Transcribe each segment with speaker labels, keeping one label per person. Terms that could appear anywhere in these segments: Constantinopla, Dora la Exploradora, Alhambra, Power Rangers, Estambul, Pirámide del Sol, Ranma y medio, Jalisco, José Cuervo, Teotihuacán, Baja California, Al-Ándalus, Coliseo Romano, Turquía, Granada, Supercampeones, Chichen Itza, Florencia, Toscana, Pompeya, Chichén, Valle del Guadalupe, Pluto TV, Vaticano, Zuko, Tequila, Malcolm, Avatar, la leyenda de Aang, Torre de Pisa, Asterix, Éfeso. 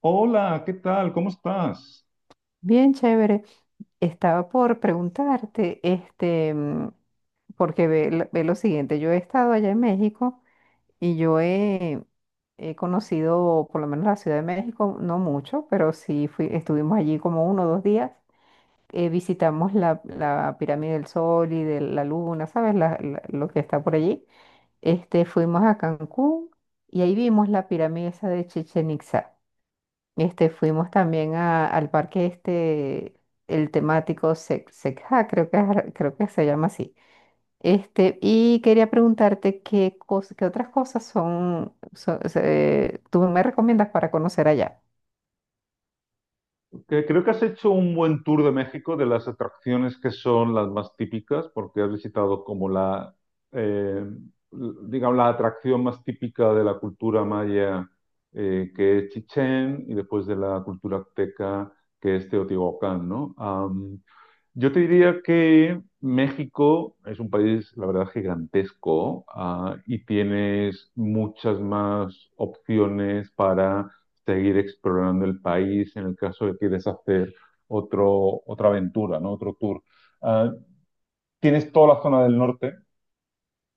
Speaker 1: Hola, ¿qué tal? ¿Cómo estás?
Speaker 2: Bien, chévere. Estaba por preguntarte, porque ve, lo siguiente, yo he estado allá en México y he conocido por lo menos la Ciudad de México, no mucho, pero sí fui, estuvimos allí como uno o dos días. Visitamos la Pirámide del Sol y de la Luna, ¿sabes? Lo que está por allí. Fuimos a Cancún y ahí vimos la pirámide esa de Chichen Itza. Fuimos también al parque este, el temático Secja, creo que se llama así. Y quería preguntarte qué otras cosas son, tú me recomiendas para conocer allá.
Speaker 1: Que creo que has hecho un buen tour de México de las atracciones que son las más típicas, porque has visitado como eh, digamos, la atracción más típica de la cultura maya, que es Chichén, y después de la cultura azteca, que es Teotihuacán, ¿no? Yo te diría que México es un país, la verdad, gigantesco, y tienes muchas más opciones para seguir explorando el país en el caso de que quieres hacer otra aventura, ¿no? Otro tour. Ah, Tienes toda la zona del norte,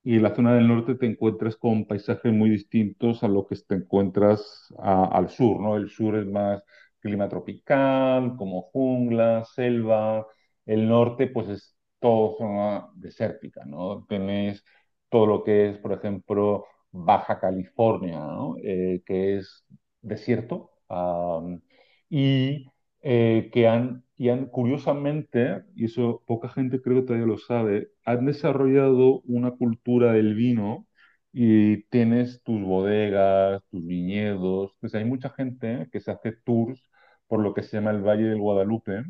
Speaker 1: y en la zona del norte te encuentras con paisajes muy distintos a lo que te encuentras al sur, ¿no? El sur es más clima tropical, como jungla, selva. El norte, pues es todo zona desértica, ¿no? Tenés todo lo que es, por ejemplo, Baja California, ¿no? Que es desierto. Am, y que han, y han, curiosamente, y eso poca gente creo que todavía lo sabe, han desarrollado una cultura del vino y tienes tus bodegas, tus viñedos, pues hay mucha gente que se hace tours por lo que se llama el Valle del Guadalupe,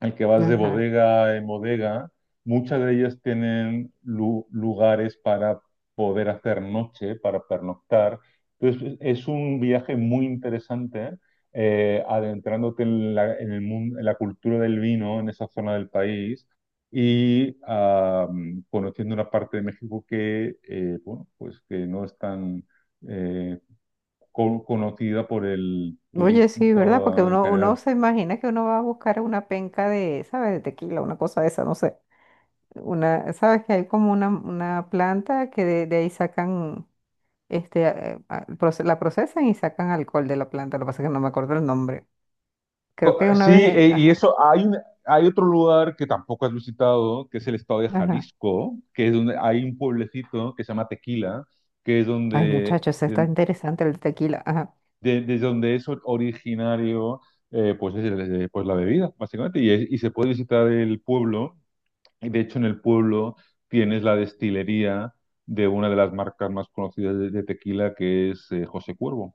Speaker 1: al que vas de
Speaker 2: Ajá.
Speaker 1: bodega en bodega, muchas de ellas tienen lugares para poder hacer noche, para pernoctar. Entonces, es un viaje muy interesante, adentrándote en la cultura del vino en esa zona del país y conociendo una parte de México que, bueno, pues que no es tan eh, conocida por el
Speaker 2: Oye,
Speaker 1: turista
Speaker 2: sí, ¿verdad? Porque
Speaker 1: en
Speaker 2: uno
Speaker 1: general.
Speaker 2: se imagina que uno va a buscar una penca de, ¿sabes? De tequila, una cosa de esa, no sé. Una, ¿sabes? Que hay como una planta que de ahí sacan este, la procesan y sacan alcohol de la planta. Lo que pasa es que no me acuerdo el nombre. Creo que una
Speaker 1: Sí,
Speaker 2: vez,
Speaker 1: y
Speaker 2: ajá,
Speaker 1: eso, hay otro lugar que tampoco has visitado, que es el estado de
Speaker 2: ajá.
Speaker 1: Jalisco, que es donde hay un pueblecito que se llama Tequila, que es
Speaker 2: Ay,
Speaker 1: donde,
Speaker 2: muchachos, está interesante el tequila. Ajá.
Speaker 1: desde donde es originario, pues, pues la bebida, básicamente, y, y se puede visitar el pueblo, y de hecho en el pueblo tienes la destilería de una de las marcas más conocidas de tequila, que es José Cuervo.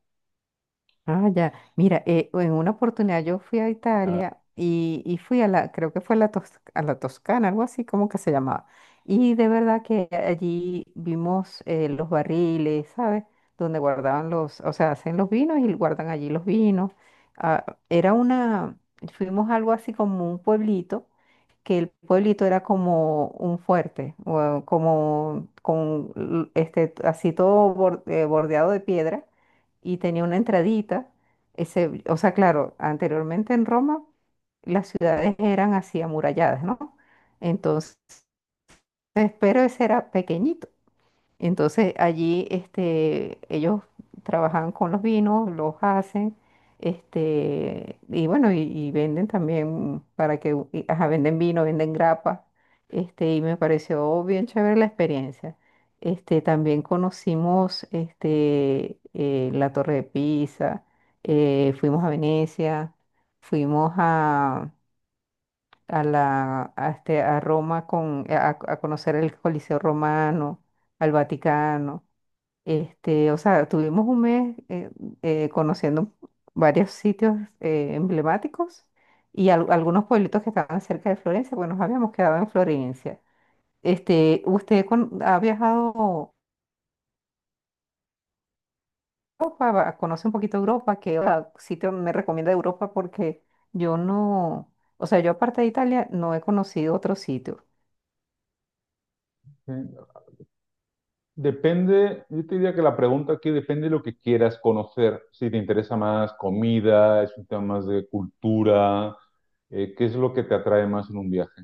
Speaker 2: Ah, ya. Mira, en una oportunidad yo fui a Italia y fui a la, creo que fue a la, Tos- a la Toscana, algo así como que se llamaba. Y de verdad que allí vimos los barriles, ¿sabes? Donde guardaban los, o sea, hacen los vinos y guardan allí los vinos. Ah, era una, fuimos a algo así como un pueblito que el pueblito era como un fuerte, o como con así todo bordeado de piedra y tenía una entradita. Ese, o sea, claro, anteriormente en Roma las ciudades eran así amuralladas, ¿no? Entonces, pero ese era pequeñito. Entonces allí este, ellos trabajan con los vinos, los hacen, este, y bueno, y venden también para que, u- y, ajá, venden vino, venden grapa, este, y me pareció bien chévere la experiencia. Este, también conocimos este, la Torre de Pisa, fuimos a Venecia, fuimos a este, a Roma con, a conocer el Coliseo Romano, al Vaticano. Este, o sea, tuvimos un mes conociendo varios sitios emblemáticos y algunos pueblitos que estaban cerca de Florencia, pues nos habíamos quedado en Florencia. Este, ha viajado a Europa? ¿Conoce un poquito Europa? ¿Qué sitio me recomienda de Europa? Porque yo no, o sea, yo aparte de Italia no he conocido otro sitio.
Speaker 1: Depende, yo te diría que la pregunta aquí depende de lo que quieras conocer. Si te interesa más comida, es un tema más de cultura, ¿qué es lo que te atrae más en un viaje?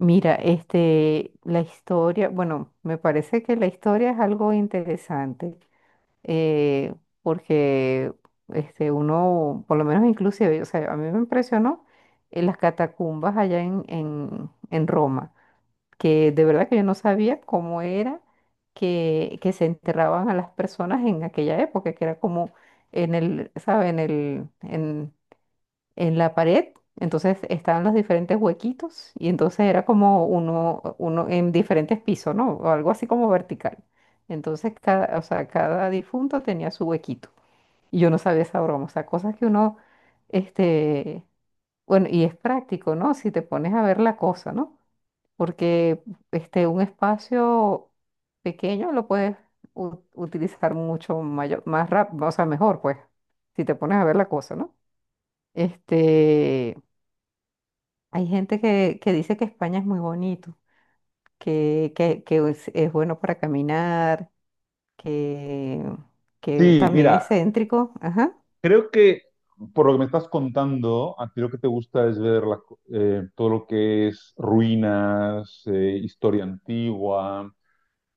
Speaker 2: Mira, este, la historia, bueno, me parece que la historia es algo interesante. eh, Porque este, uno, por lo menos inclusive, o sea, a mí me impresionó las catacumbas allá en Roma, que de verdad que yo no sabía cómo era que se enterraban a las personas en aquella época, que era como en el, ¿sabe? En el, en la pared, entonces estaban los diferentes huequitos y entonces era como uno en diferentes pisos, ¿no? O algo así como vertical. Entonces cada, o sea, cada difunto tenía su huequito y yo no sabía esa broma, o sea, cosas que uno, este, bueno, y es práctico, ¿no? Si te pones a ver la cosa, ¿no? Porque este, un espacio pequeño lo puedes utilizar mucho mayor, más rápido, o sea, mejor, pues, si te pones a ver la cosa, ¿no? Este, hay gente que dice que España es muy bonito, que es bueno para caminar, que, que
Speaker 1: Sí,
Speaker 2: también es
Speaker 1: mira,
Speaker 2: céntrico. Ajá,
Speaker 1: creo que por lo que me estás contando, a ti lo que te gusta es ver todo lo que es ruinas, historia antigua.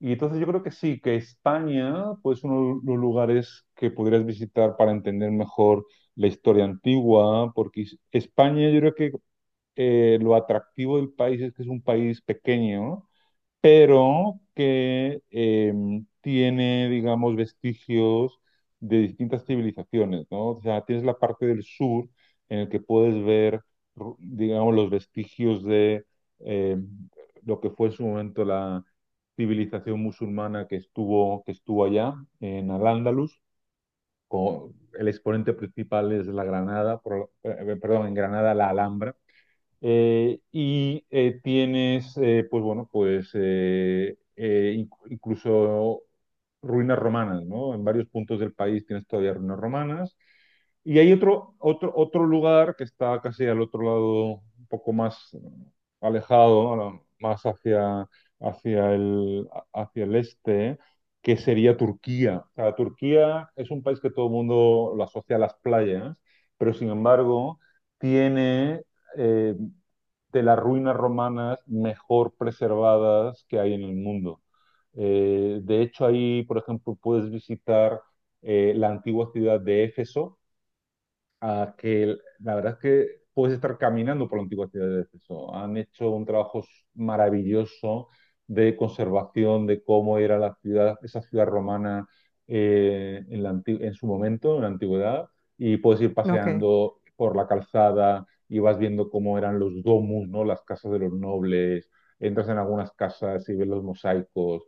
Speaker 1: Y entonces yo creo que sí, que España, pues uno de los lugares que podrías visitar para entender mejor la historia antigua, porque España yo creo que lo atractivo del país es que es un país pequeño, pero que tiene, digamos, vestigios de distintas civilizaciones, ¿no? O sea, tienes la parte del sur en el que puedes ver, digamos, los vestigios de eh, lo que fue en su momento la civilización musulmana que estuvo allá, en Al-Ándalus. co- El exponente principal es la Granada, perdón, en Granada la Alhambra, y tienes, pues bueno, pues incluso ruinas romanas, ¿no? En varios puntos del país tienes todavía ruinas romanas. Y hay otro lugar que está casi al otro lado, un poco más alejado, ¿no? Más hacia el, hacia el este, que sería Turquía. O sea, Turquía es un país que todo el mundo lo asocia a las playas, pero sin embargo tiene eh, de las ruinas romanas mejor preservadas que hay en el mundo. De hecho, ahí, por ejemplo, puedes visitar la antigua ciudad de Éfeso, a que la verdad es que puedes estar caminando por la antigua ciudad de Éfeso. Han hecho un trabajo maravilloso de conservación de cómo era la ciudad, esa ciudad romana en la en su momento, en la antigüedad, y puedes ir
Speaker 2: Ok.
Speaker 1: paseando por la calzada y vas viendo cómo eran los domus, ¿no? Las casas de los nobles, entras en algunas casas y ves los mosaicos.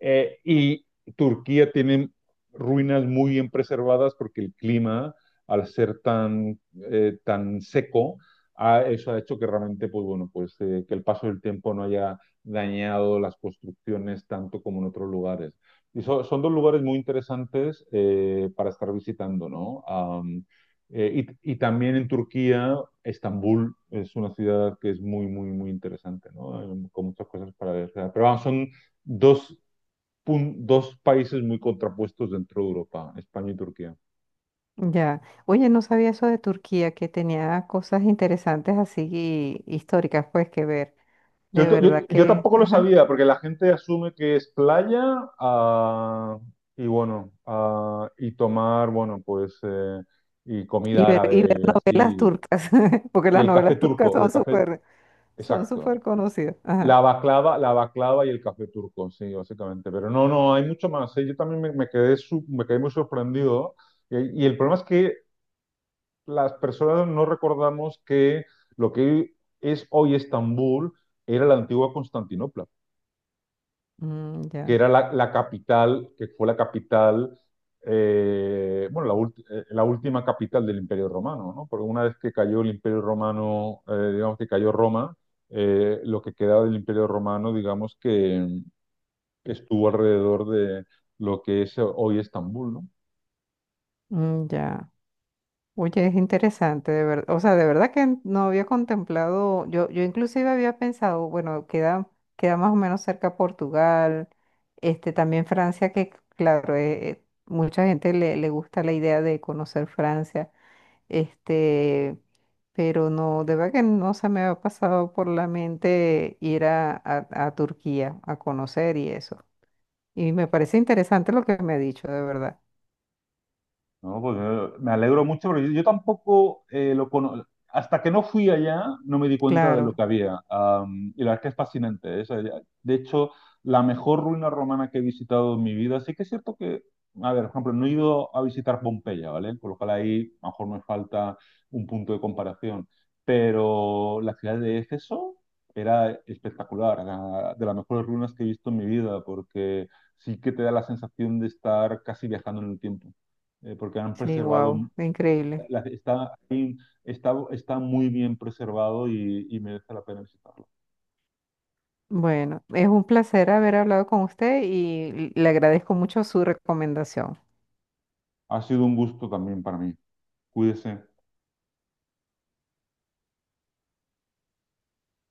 Speaker 1: Y Turquía tiene ruinas muy bien preservadas porque el clima al ser tan seco, eso ha hecho que realmente, pues bueno, pues que el paso del tiempo no haya dañado las construcciones tanto como en otros lugares. Y son dos lugares muy interesantes para estar visitando, ¿no? Y también en Turquía, Estambul es una ciudad que es muy, muy, muy interesante, ¿no? Con muchas cosas para ver. O sea, pero vamos, son dos, dos países muy contrapuestos dentro de Europa, España y Turquía.
Speaker 2: Ya. Oye, no sabía eso de Turquía, que tenía cosas interesantes así históricas, pues, que ver.
Speaker 1: Yo,
Speaker 2: De
Speaker 1: t- yo-
Speaker 2: verdad
Speaker 1: yo
Speaker 2: que,
Speaker 1: tampoco lo
Speaker 2: ajá.
Speaker 1: sabía, porque la gente asume que es playa ah, y bueno, y tomar, bueno, pues, y comida
Speaker 2: Y ver
Speaker 1: árabe,
Speaker 2: novelas
Speaker 1: así,
Speaker 2: turcas, porque
Speaker 1: y
Speaker 2: las
Speaker 1: el café
Speaker 2: novelas turcas
Speaker 1: turco,
Speaker 2: son
Speaker 1: exacto.
Speaker 2: súper conocidas. Ajá.
Speaker 1: La baklava y el café turco, sí, básicamente. Pero no, no, hay mucho más, ¿eh? Yo también me quedé muy sorprendido. Y el problema es que las personas no recordamos que lo que es hoy Estambul era la antigua Constantinopla,
Speaker 2: Mm,
Speaker 1: que
Speaker 2: ya.
Speaker 1: era la capital, que fue la capital, bueno, la última capital del Imperio Romano, ¿no? Porque una vez que cayó el Imperio Romano, digamos que cayó Roma, lo que quedaba del Imperio Romano, digamos que estuvo alrededor de lo que es hoy Estambul, ¿no?
Speaker 2: Mm, ya. Oye, es interesante, de verdad. O sea, de verdad que no había contemplado, yo inclusive había pensado, bueno, queda, queda más o menos cerca Portugal, este, también Francia, que claro, mucha gente le gusta la idea de conocer Francia, este, pero no, de verdad que no se me había pasado por la mente ir a Turquía a conocer y eso. Y me parece interesante lo que me ha dicho, de verdad.
Speaker 1: No, pues me alegro mucho, pero yo tampoco hasta que no fui allá, no me di cuenta de
Speaker 2: Claro,
Speaker 1: lo que había. Y la verdad que es fascinante, ¿eh? O sea, de hecho, la mejor ruina romana que he visitado en mi vida. Sí que es cierto que, a ver, por ejemplo, no he ido a visitar Pompeya, ¿vale? Por lo cual ahí a lo mejor me falta un punto de comparación. Pero la ciudad de Éfeso era espectacular, era de las mejores ruinas que he visto en mi vida, porque sí que te da la sensación de estar casi viajando en el tiempo porque han
Speaker 2: sí,
Speaker 1: preservado,
Speaker 2: wow, increíble.
Speaker 1: la- está, está muy bien preservado y merece la pena visitarlo.
Speaker 2: Bueno, es un placer haber hablado con usted y le agradezco mucho su recomendación.
Speaker 1: Ha sido un gusto también para mí. Cuídese.